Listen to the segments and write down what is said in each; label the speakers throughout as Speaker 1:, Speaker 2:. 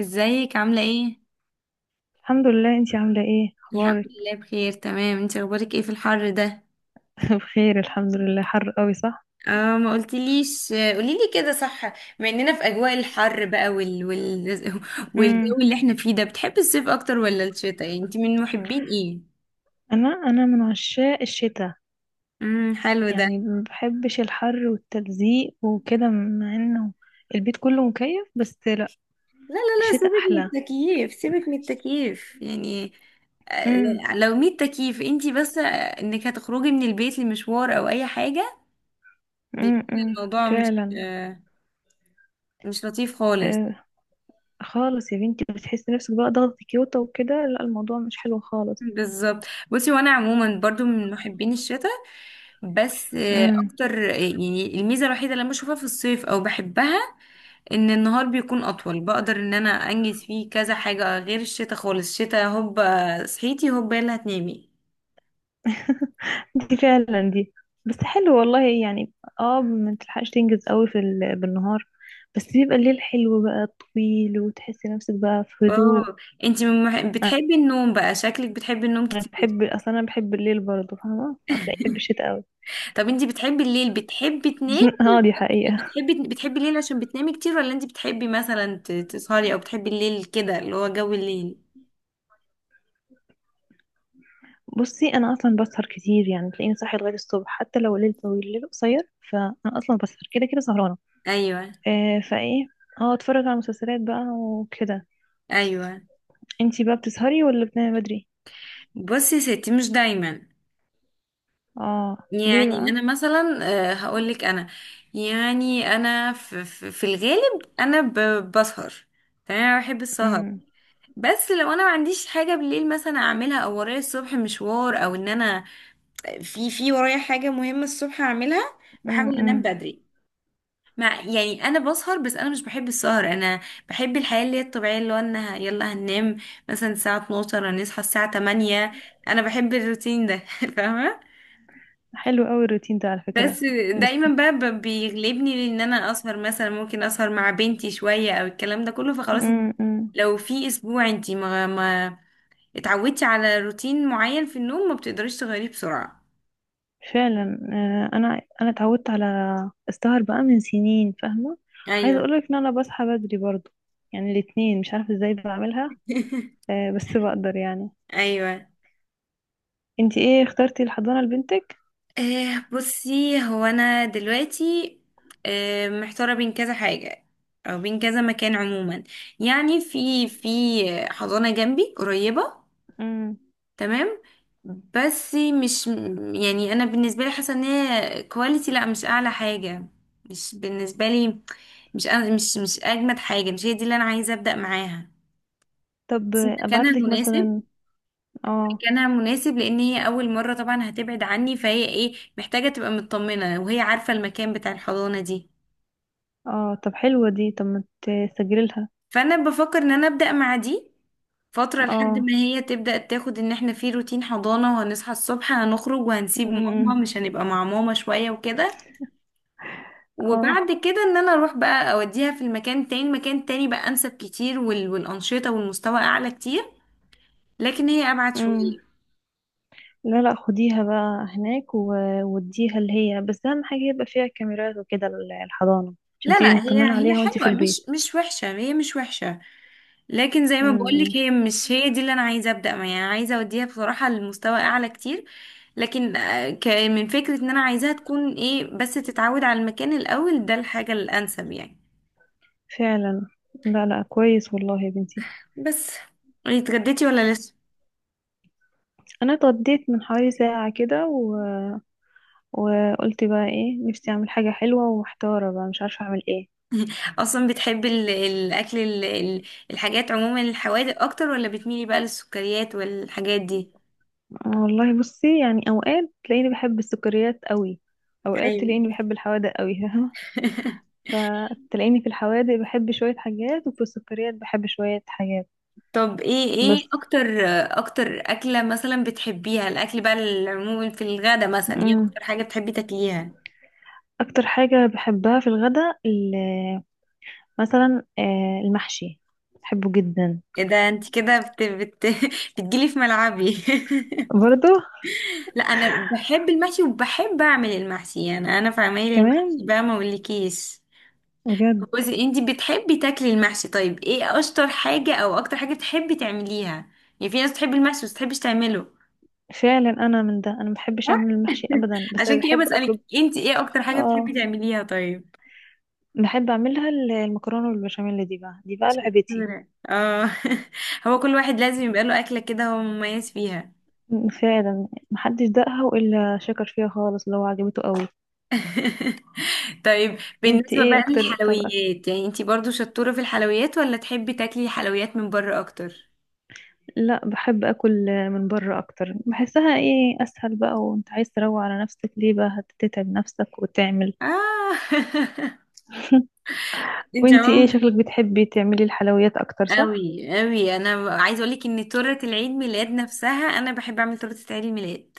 Speaker 1: ازيك عاملة ايه؟
Speaker 2: الحمد لله، انتي عاملة ايه؟
Speaker 1: الحمد
Speaker 2: اخبارك.
Speaker 1: لله، بخير تمام. انت اخبارك ايه في الحر ده؟
Speaker 2: بخير الحمد لله. حر قوي صح.
Speaker 1: اه، ما قلتليش، قوليلي كده، صح. بما اننا في اجواء الحر بقى
Speaker 2: امم
Speaker 1: والجو اللي احنا فيه ده، بتحبي الصيف اكتر ولا الشتاء؟ يعني انت من محبين ايه؟
Speaker 2: انا من عشاق الشتاء.
Speaker 1: حلو ده.
Speaker 2: يعني ما بحبش الحر والتلزيق وكده، مع انه البيت كله مكيف. بس لا،
Speaker 1: لا لا لا،
Speaker 2: الشتاء
Speaker 1: سيبك
Speaker 2: احلى.
Speaker 1: من التكييف، سيبك من التكييف يعني.
Speaker 2: امم
Speaker 1: لو 100 تكييف انت، بس انك هتخرجي من البيت لمشوار او اي حاجة، بيكون
Speaker 2: امم
Speaker 1: الموضوع مش
Speaker 2: فعلا.
Speaker 1: آه، مش لطيف خالص.
Speaker 2: آه خالص يا بنتي، بتحسي نفسك بقى ضغط كيوتا وكده. لا، الموضوع مش حلو خالص.
Speaker 1: بالظبط. بصي، وانا عموما برضو من محبين الشتاء، بس اكتر يعني الميزه الوحيده اللي أنا بشوفها في الصيف او بحبها ان النهار بيكون اطول، بقدر ان انا انجز فيه كذا حاجه. غير الشتاء خالص، الشتاء هوب صحيتي، هوب يلا هتنامي.
Speaker 2: دي فعلا، دي بس حلو والله يعني. اه، ما تلحقش تنجز قوي بالنهار. بس بيبقى الليل حلو بقى طويل، وتحسي نفسك بقى في هدوء.
Speaker 1: اه، انتي بتحبي النوم بقى، شكلك بتحبي النوم
Speaker 2: انا
Speaker 1: كتير.
Speaker 2: بحب اصلا، انا بحب الليل برضه، فاهمه هتلاقي بحب الشتاء قوي.
Speaker 1: طب انتي بتحبي الليل، بتحبي تنامي؟
Speaker 2: اه دي حقيقه.
Speaker 1: بتحبي الليل عشان بتنامي كتير، ولا انتي بتحبي مثلا تسهري، او بتحبي الليل كده، اللي هو جو الليل؟
Speaker 2: بصي، انا اصلا بسهر كتير، يعني تلاقيني صاحيه لغايه الصبح، حتى لو الليل طويل الليل قصير، فانا اصلا بسهر كده كده سهرانه.
Speaker 1: ايوه.
Speaker 2: آه فايه. اه، اتفرج على مسلسلات بقى وكده.
Speaker 1: ايوه،
Speaker 2: انتي بقى بتسهري ولا بتنامي بدري؟
Speaker 1: بصي يا ستي مش دايما.
Speaker 2: اه، ليه
Speaker 1: يعني
Speaker 2: بقى؟
Speaker 1: انا مثلا، هقول لك، انا يعني انا في الغالب انا بسهر، تمام، انا بحب السهر. بس لو انا ما عنديش حاجه بالليل مثلا اعملها، او ورايا الصبح مشوار، او ان انا في ورايا حاجه مهمه الصبح اعملها، بحاول انام
Speaker 2: امم
Speaker 1: بدري. مع، يعني انا بسهر، بس انا مش بحب السهر. انا بحب الحياه اللي هي الطبيعيه، اللي هو انا يلا هننام مثلا الساعه 12، هنصحى الساعه 8. انا بحب الروتين ده، فاهمه.
Speaker 2: حلو قوي الروتين ده على فكرة.
Speaker 1: بس
Speaker 2: بس.
Speaker 1: دايما بقى بيغلبني ان انا اسهر، مثلا ممكن اسهر مع بنتي شوية او الكلام ده كله، فخلاص.
Speaker 2: امم
Speaker 1: لو في اسبوع انتي ما اتعودتي على روتين معين في النوم، ما بتقدريش تغيريه بسرعة.
Speaker 2: فعلا. انا اتعودت على السهر بقى من سنين فاهمة. عايزة
Speaker 1: ايوه.
Speaker 2: اقولك ان انا بصحى بدري برضو، يعني الاتنين مش عارفة ازاي بعملها. بس بقدر يعني.
Speaker 1: ايوه.
Speaker 2: انتي ايه اخترتي الحضانة لبنتك؟
Speaker 1: بصي، هو انا دلوقتي محتاره بين كذا حاجه، او بين كذا مكان. عموما يعني في حضانه جنبي قريبه،
Speaker 2: امم
Speaker 1: تمام، بس مش، يعني انا بالنسبه لي حاسه ان هي كواليتي، لا مش اعلى حاجه، مش بالنسبه لي، مش اجمد حاجه، مش هي دي اللي انا عايزه ابدا معاها.
Speaker 2: طب
Speaker 1: بس مكانها
Speaker 2: ابعتلك
Speaker 1: مناسب،
Speaker 2: مثلا. اه
Speaker 1: مكانها مناسب لان هي اول مره طبعا هتبعد عني، فهي ايه محتاجه تبقى مطمنه، وهي عارفه المكان بتاع الحضانه دي.
Speaker 2: اه، طب حلوة دي، طب ما تسجلي لها.
Speaker 1: فانا بفكر ان انا ابدا مع دي فترة لحد
Speaker 2: اه.
Speaker 1: ما هي تبدأ تاخد ان احنا في روتين حضانة، وهنصحى الصبح، هنخرج، وهنسيب ماما،
Speaker 2: امم
Speaker 1: مش هنبقى مع ماما شوية وكده.
Speaker 2: اه.
Speaker 1: وبعد كده ان انا اروح بقى اوديها في المكان تاني، مكان تاني بقى انسب كتير، والانشطه والمستوى اعلى كتير. لكن هي ابعد
Speaker 2: امم
Speaker 1: شويه.
Speaker 2: لا لا، خديها بقى هناك، واديها اللي هي، بس اهم حاجة يبقى فيها كاميرات وكده الحضانة، عشان
Speaker 1: لا
Speaker 2: تبقي
Speaker 1: لا، هي
Speaker 2: مطمنة
Speaker 1: هي
Speaker 2: عليها وانتي في
Speaker 1: حلوه، مش
Speaker 2: البيت.
Speaker 1: مش وحشه، هي مش وحشه، لكن زي ما
Speaker 2: امم
Speaker 1: بقولك هي مش هي دي اللي انا عايزه ابدا معاها. يعني عايزه اوديها بصراحه لمستوى اعلى كتير، لكن من فكره ان انا عايزاها تكون ايه بس تتعود على المكان الاول ده، الحاجه الانسب يعني.
Speaker 2: فعلا. لا لا، كويس والله يا بنتي.
Speaker 1: بس اتغديتي ولا لسه؟
Speaker 2: انا اتغديت من حوالي ساعة كده وقلت بقى ايه، نفسي اعمل حاجة حلوة، ومحتارة بقى مش عارفة اعمل ايه.
Speaker 1: اصلا بتحبي الاكل الحاجات عموما، الحوادق اكتر ولا بتميلي بقى للسكريات والحاجات دي؟
Speaker 2: والله بصي يعني، اوقات تلاقيني بحب السكريات قوي، اوقات
Speaker 1: ايوه.
Speaker 2: تلاقيني بحب الحوادق قوي. فاهمة. فتلاقيني في الحوادق بحب شوية حاجات، وفي السكريات بحب شوية حاجات.
Speaker 1: طب ايه
Speaker 2: بس.
Speaker 1: ايه اكتر اكتر اكلة مثلا بتحبيها، الاكل بقى العموما في الغدا مثلا، ايه
Speaker 2: أمم.
Speaker 1: اكتر حاجة بتحبي تاكليها؟
Speaker 2: اكتر حاجة بحبها في الغداء، مثلا المحشي، بحبه جدا.
Speaker 1: ايه ده، انت كده بت بتجيلي في ملعبي.
Speaker 2: برضو
Speaker 1: لا، انا بحب المحشي وبحب اعمل المحشي، يعني انا في عمايل
Speaker 2: كمان.
Speaker 1: المحشي بقى ما اقولكيش.
Speaker 2: بجد.
Speaker 1: بصي، انتي بتحبي تاكلي المحشي، طيب ايه اشطر حاجة او اكتر حاجة بتحبي تعمليها؟ يعني في ناس بتحب المحشي بس بتحبش تعمله.
Speaker 2: فعلا انا من ده، انا ما بحبش اعمل المحشي ابدا، بس
Speaker 1: عشان
Speaker 2: أنا
Speaker 1: كده
Speaker 2: بحب اكله.
Speaker 1: بسألك انتي ايه اكتر حاجة بتحبي
Speaker 2: اه،
Speaker 1: تعمليها، طيب.
Speaker 2: بحب اعملها المكرونة والبشاميل، دي بقى دي بقى لعبتي.
Speaker 1: شطورة، اه. هو كل واحد لازم يبقى له اكلة كده هو مميز فيها.
Speaker 2: فعلا، محدش دقها الا شكر فيها خالص لو عجبته قوي.
Speaker 1: طيب
Speaker 2: انت
Speaker 1: بالنسبة
Speaker 2: ايه
Speaker 1: بقى
Speaker 2: اكتر؟ طب
Speaker 1: للحلويات، يعني انتي برضو شطورة في الحلويات، ولا تحبي تاكلي حلويات من بره اكتر؟
Speaker 2: لا، بحب اكل من بره اكتر، بحسها ايه اسهل بقى، وانت عايز تروق على نفسك ليه بقى هتتعب نفسك وتعمل.
Speaker 1: اه. انت
Speaker 2: وانتي ايه
Speaker 1: عموما
Speaker 2: شكلك بتحبي تعملي الحلويات اكتر صح.
Speaker 1: قوي قوي، انا عايزه اقول لك ان تورته العيد ميلاد نفسها، انا بحب اعمل تورته عيد الميلاد.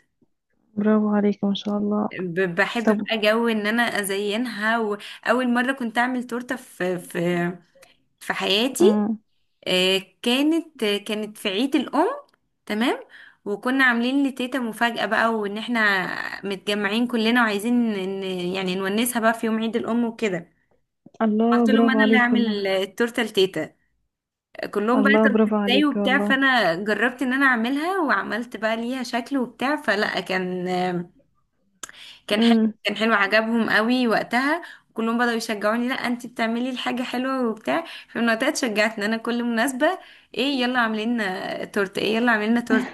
Speaker 2: برافو عليك ما شاء الله.
Speaker 1: بحب
Speaker 2: طب.
Speaker 1: بقى جو ان انا ازينها. واول مره كنت اعمل تورته في حياتي،
Speaker 2: امم
Speaker 1: كانت في عيد الام، تمام. وكنا عاملين لتيتا مفاجاه بقى، وان احنا متجمعين كلنا وعايزين ان يعني نونسها بقى في يوم عيد الام وكده.
Speaker 2: الله،
Speaker 1: قلت لهم
Speaker 2: برافو
Speaker 1: انا اللي
Speaker 2: عليك والله.
Speaker 1: هعمل التورته لتيتا، كلهم بقى،
Speaker 2: الله،
Speaker 1: طب
Speaker 2: برافو
Speaker 1: ازاي
Speaker 2: عليك
Speaker 1: وبتاع.
Speaker 2: والله.
Speaker 1: فانا جربت ان انا اعملها، وعملت بقى ليها شكل وبتاع، فلا كان حلو.
Speaker 2: امم
Speaker 1: كان حلو، عجبهم قوي وقتها، كلهم بدأوا يشجعوني، لا انت بتعملي الحاجة حلوة وبتاع. فمن وقتها اتشجعت ان انا كل مناسبة، ايه؟ يلا عاملين تورت. ايه؟ يلا عاملين تورت.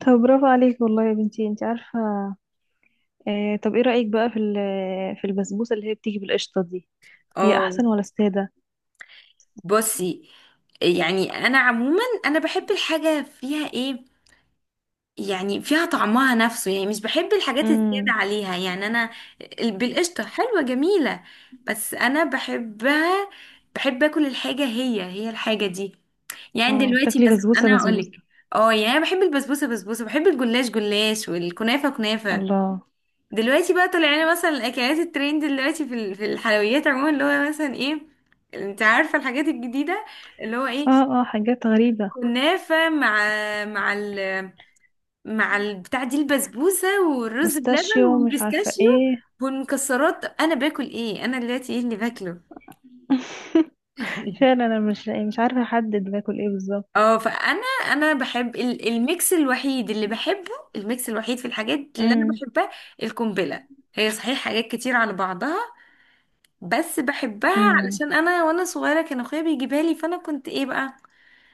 Speaker 2: طب، برافو عليك والله يا بنتي، انت عارفة. طب ايه رأيك بقى في في البسبوسة اللي هي بتيجي بالقشطة دي، هي
Speaker 1: اه.
Speaker 2: احسن ولا السادة؟
Speaker 1: بصي، يعني انا عموما انا بحب الحاجة فيها ايه يعني، فيها طعمها نفسه، يعني مش بحب الحاجات الزيادة
Speaker 2: امم
Speaker 1: عليها. يعني أنا بالقشطة حلوة جميلة، بس أنا بحبها، بحب أكل الحاجة هي هي، الحاجة دي. يعني
Speaker 2: اه،
Speaker 1: دلوقتي
Speaker 2: بتاكلي
Speaker 1: مثلا
Speaker 2: بسبوسة
Speaker 1: أنا
Speaker 2: بسبوسة.
Speaker 1: هقولك، اه، يعني أنا بحب البسبوسة بسبوسة، بحب الجلاش جلاش، والكنافة كنافة.
Speaker 2: الله.
Speaker 1: دلوقتي بقى طالع لنا مثلا الأكلات الترند دلوقتي في الحلويات عموما، اللي هو مثلا ايه؟ انت عارفة الحاجات الجديدة، اللي هو ايه،
Speaker 2: اه اه، حاجات غريبة.
Speaker 1: كنافة مع ال مع البتاع دي، البسبوسة والرز بلبن
Speaker 2: بستاشيو، مش عارفة
Speaker 1: والبيستاشيو
Speaker 2: ايه.
Speaker 1: والمكسرات. انا باكل ايه انا دلوقتي، ايه اللي باكله؟
Speaker 2: فعلا انا مش عارفة احدد باكل ايه بالظبط.
Speaker 1: اه، فانا، انا بحب الميكس. الوحيد اللي بحبه، الميكس الوحيد في الحاجات اللي انا بحبها، القنبله، هي صحيح حاجات كتير على بعضها، بس بحبها
Speaker 2: امم
Speaker 1: علشان انا وانا صغيره كان اخويا بيجيبها لي، فانا كنت ايه بقى،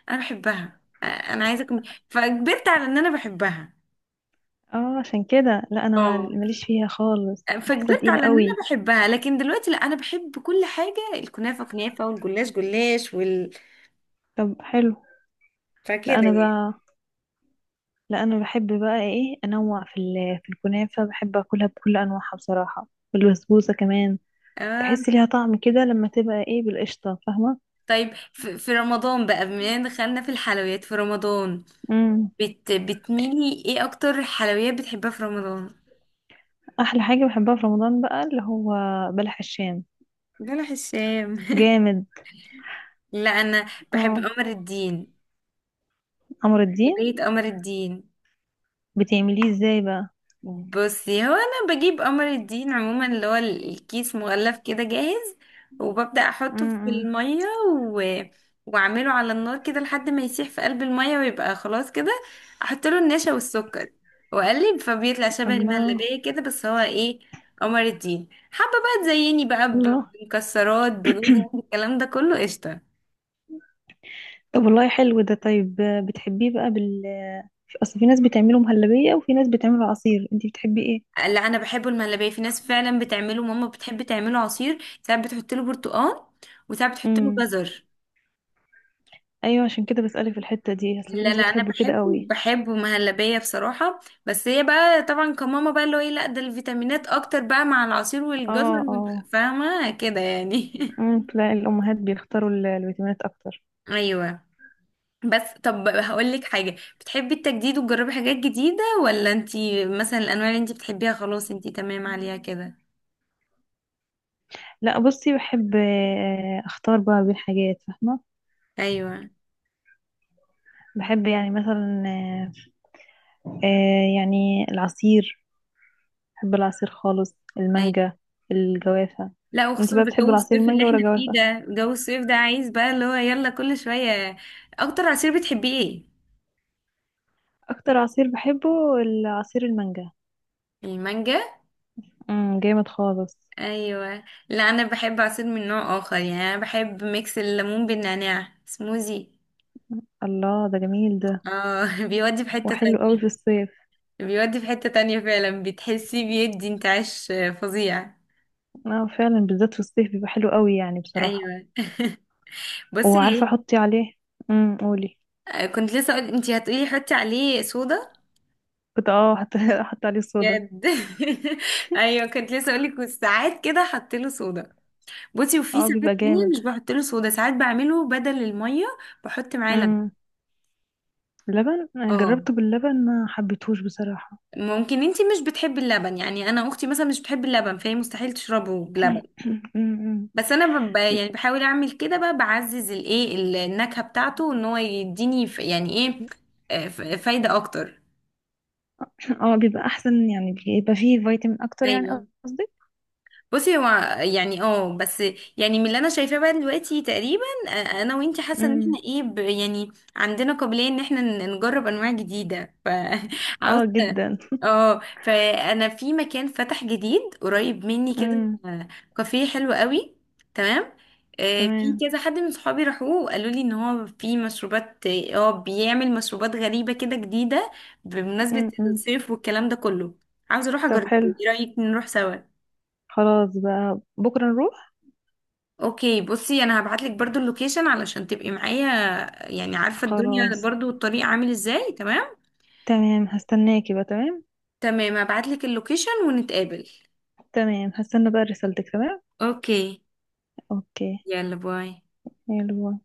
Speaker 1: انا بحبها. انا عايزه أكمل. فكبرت على ان انا بحبها.
Speaker 2: اه، عشان كده لا، انا
Speaker 1: اه،
Speaker 2: ماليش فيها خالص، بحسها
Speaker 1: فكبرت
Speaker 2: تقيلة
Speaker 1: على ان انا
Speaker 2: قوي.
Speaker 1: بحبها، لكن دلوقتي لا انا بحب كل حاجه، الكنافه كنافه، والجلاش جلاش،
Speaker 2: طب حلو.
Speaker 1: فكده
Speaker 2: لا انا
Speaker 1: يعني.
Speaker 2: بقى لا انا بحب بقى ايه انوع في الكنافة، بحب اكلها بكل انواعها بصراحة. والبسبوسة كمان
Speaker 1: اه.
Speaker 2: بحس ليها طعم كده لما تبقى ايه بالقشطة، فاهمة.
Speaker 1: طيب، في رمضان بقى، بما ان دخلنا في الحلويات، في رمضان
Speaker 2: امم
Speaker 1: بتميلي ايه اكتر، حلويات بتحبها في رمضان؟
Speaker 2: احلى حاجة بحبها في رمضان بقى اللي هو بلح الشام.
Speaker 1: بلح الشام.
Speaker 2: جامد.
Speaker 1: لا انا بحب
Speaker 2: اه،
Speaker 1: قمر الدين،
Speaker 2: عمر الدين،
Speaker 1: بيت قمر الدين.
Speaker 2: بتعمليه ازاي بقى؟
Speaker 1: بصي، هو انا بجيب قمر الدين عموما اللي هو الكيس مغلف كده جاهز، وببدأ احطه في
Speaker 2: امم
Speaker 1: المية و... واعمله على النار كده لحد ما يسيح في قلب المية، ويبقى خلاص كده احط له النشا والسكر واقلب، فبيطلع شبه
Speaker 2: الله.
Speaker 1: المهلبية كده، بس هو ايه، قمر الدين. حابة بقى تزيني بقى
Speaker 2: الله،
Speaker 1: بمكسرات، بجوز هند، الكلام ده كله، قشطة.
Speaker 2: طب والله حلو ده. طيب، بتحبيه بقى اصل في ناس بتعمله مهلبية، وفي ناس بتعمله عصير، انتي بتحبي ايه؟
Speaker 1: لا انا بحبه المهلبية، في ناس فعلا بتعمله، ماما بتحب تعمله عصير، ساعات بتحط له برتقال وساعات بتحط له
Speaker 2: امم
Speaker 1: جزر.
Speaker 2: ايوه، عشان كده بسألك في الحتة دي، اصل في
Speaker 1: لا
Speaker 2: ناس
Speaker 1: لا، انا
Speaker 2: بتحبه كده
Speaker 1: بحبه
Speaker 2: قوي.
Speaker 1: بحبه مهلبيه بصراحه. بس هي بقى طبعا كماما بقى اللي هو ايه، لا ده الفيتامينات اكتر بقى مع العصير والجزر
Speaker 2: اه اه.
Speaker 1: فاهمه كده يعني.
Speaker 2: تلاقي الامهات بيختاروا الفيتامينات اكتر.
Speaker 1: ايوه. بس طب هقول لك حاجه، بتحبي التجديد وتجربي حاجات جديده، ولا انتي مثلا الانواع اللي انتي بتحبيها خلاص انتي تمام عليها كده؟
Speaker 2: لا بصي، بحب اختار بقى بين حاجات فاهمة.
Speaker 1: ايوه.
Speaker 2: بحب يعني مثلا، يعني العصير، بحب العصير خالص،
Speaker 1: ايوه.
Speaker 2: المانجا، الجوافة.
Speaker 1: لا،
Speaker 2: انتي
Speaker 1: وخصوصا
Speaker 2: بقى
Speaker 1: في
Speaker 2: بتحبي
Speaker 1: جو
Speaker 2: العصير
Speaker 1: الصيف اللي
Speaker 2: المانجا ولا
Speaker 1: احنا فيه
Speaker 2: الجوافة؟
Speaker 1: ده، جو الصيف ده عايز بقى اللي هو يلا كل شويه. اكتر عصير بتحبيه ايه؟
Speaker 2: اكتر عصير بحبه العصير المانجا.
Speaker 1: المانجا.
Speaker 2: جامد خالص.
Speaker 1: ايوه. لا، انا بحب عصير من نوع اخر، يعني انا بحب ميكس الليمون بالنعناع سموزي.
Speaker 2: الله ده جميل ده،
Speaker 1: اه، بيودي في حتة
Speaker 2: وحلو قوي في
Speaker 1: تانية.
Speaker 2: الصيف.
Speaker 1: فعلا بتحسي بيدي انتعاش فظيع.
Speaker 2: اه فعلا، بالذات في الصيف بيبقى حلو قوي يعني بصراحة.
Speaker 1: ايوه.
Speaker 2: وعارفة
Speaker 1: بصي،
Speaker 2: احطي عليه. قولي.
Speaker 1: ايه كنت لسه اقول، انتي هتقولي حطي عليه صودا،
Speaker 2: كنت حط حط عليه صودا.
Speaker 1: بجد. ايوه، كنت لسه اقول لك ساعات كده حط له صودا. بصي، وفي
Speaker 2: اه
Speaker 1: ساعات
Speaker 2: بيبقى
Speaker 1: تانية
Speaker 2: جامد.
Speaker 1: مش بحط له صودا، ساعات بعمله بدل المية بحط معاه لبن.
Speaker 2: امم لبن. أنا
Speaker 1: اه،
Speaker 2: جربته باللبن ما حبيتهوش بصراحة.
Speaker 1: ممكن انتي مش بتحبي اللبن، يعني انا اختي مثلا مش بتحب اللبن فهي مستحيل تشربه بلبن.
Speaker 2: أمم.
Speaker 1: بس انا يعني بحاول اعمل كده بقى، بعزز الايه النكهة بتاعته ان هو يديني يعني ايه، فايدة اكتر.
Speaker 2: اه بيبقى احسن، يعني بيبقى فيه فيتامين اكتر يعني
Speaker 1: ايوه.
Speaker 2: قصدي.
Speaker 1: بصي، هو يعني اه بس، يعني من اللي انا شايفاه بقى دلوقتي تقريبا، انا وانتي حاسه ان
Speaker 2: امم
Speaker 1: احنا ايه يعني عندنا قابليه ان احنا نجرب انواع جديده،
Speaker 2: اه
Speaker 1: فعاوزه.
Speaker 2: جدا.
Speaker 1: اه، فانا في مكان فتح جديد قريب مني كده،
Speaker 2: امم
Speaker 1: كافيه حلو قوي، تمام. في
Speaker 2: تمام.
Speaker 1: كذا حد من صحابي راحوه وقالوا لي ان هو في مشروبات، بيعمل مشروبات غريبه كده جديده بمناسبه
Speaker 2: امم
Speaker 1: الصيف والكلام ده كله. عاوزه اروح
Speaker 2: طب
Speaker 1: اجربه،
Speaker 2: حلو.
Speaker 1: ايه رايك نروح سوا؟
Speaker 2: خلاص بقى بكرة نروح.
Speaker 1: اوكي، بصي انا هبعتلك برضو اللوكيشن علشان تبقي معايا، يعني عارفة الدنيا
Speaker 2: خلاص
Speaker 1: برضو الطريق عامل ازاي. تمام،
Speaker 2: تمام، هستناكي بقى تمام.
Speaker 1: تمام هبعتلك اللوكيشن ونتقابل.
Speaker 2: تمام، هستنى بقى رسالتك تمام.
Speaker 1: اوكي.
Speaker 2: اوكي.
Speaker 1: يلا، باي.
Speaker 2: حلو.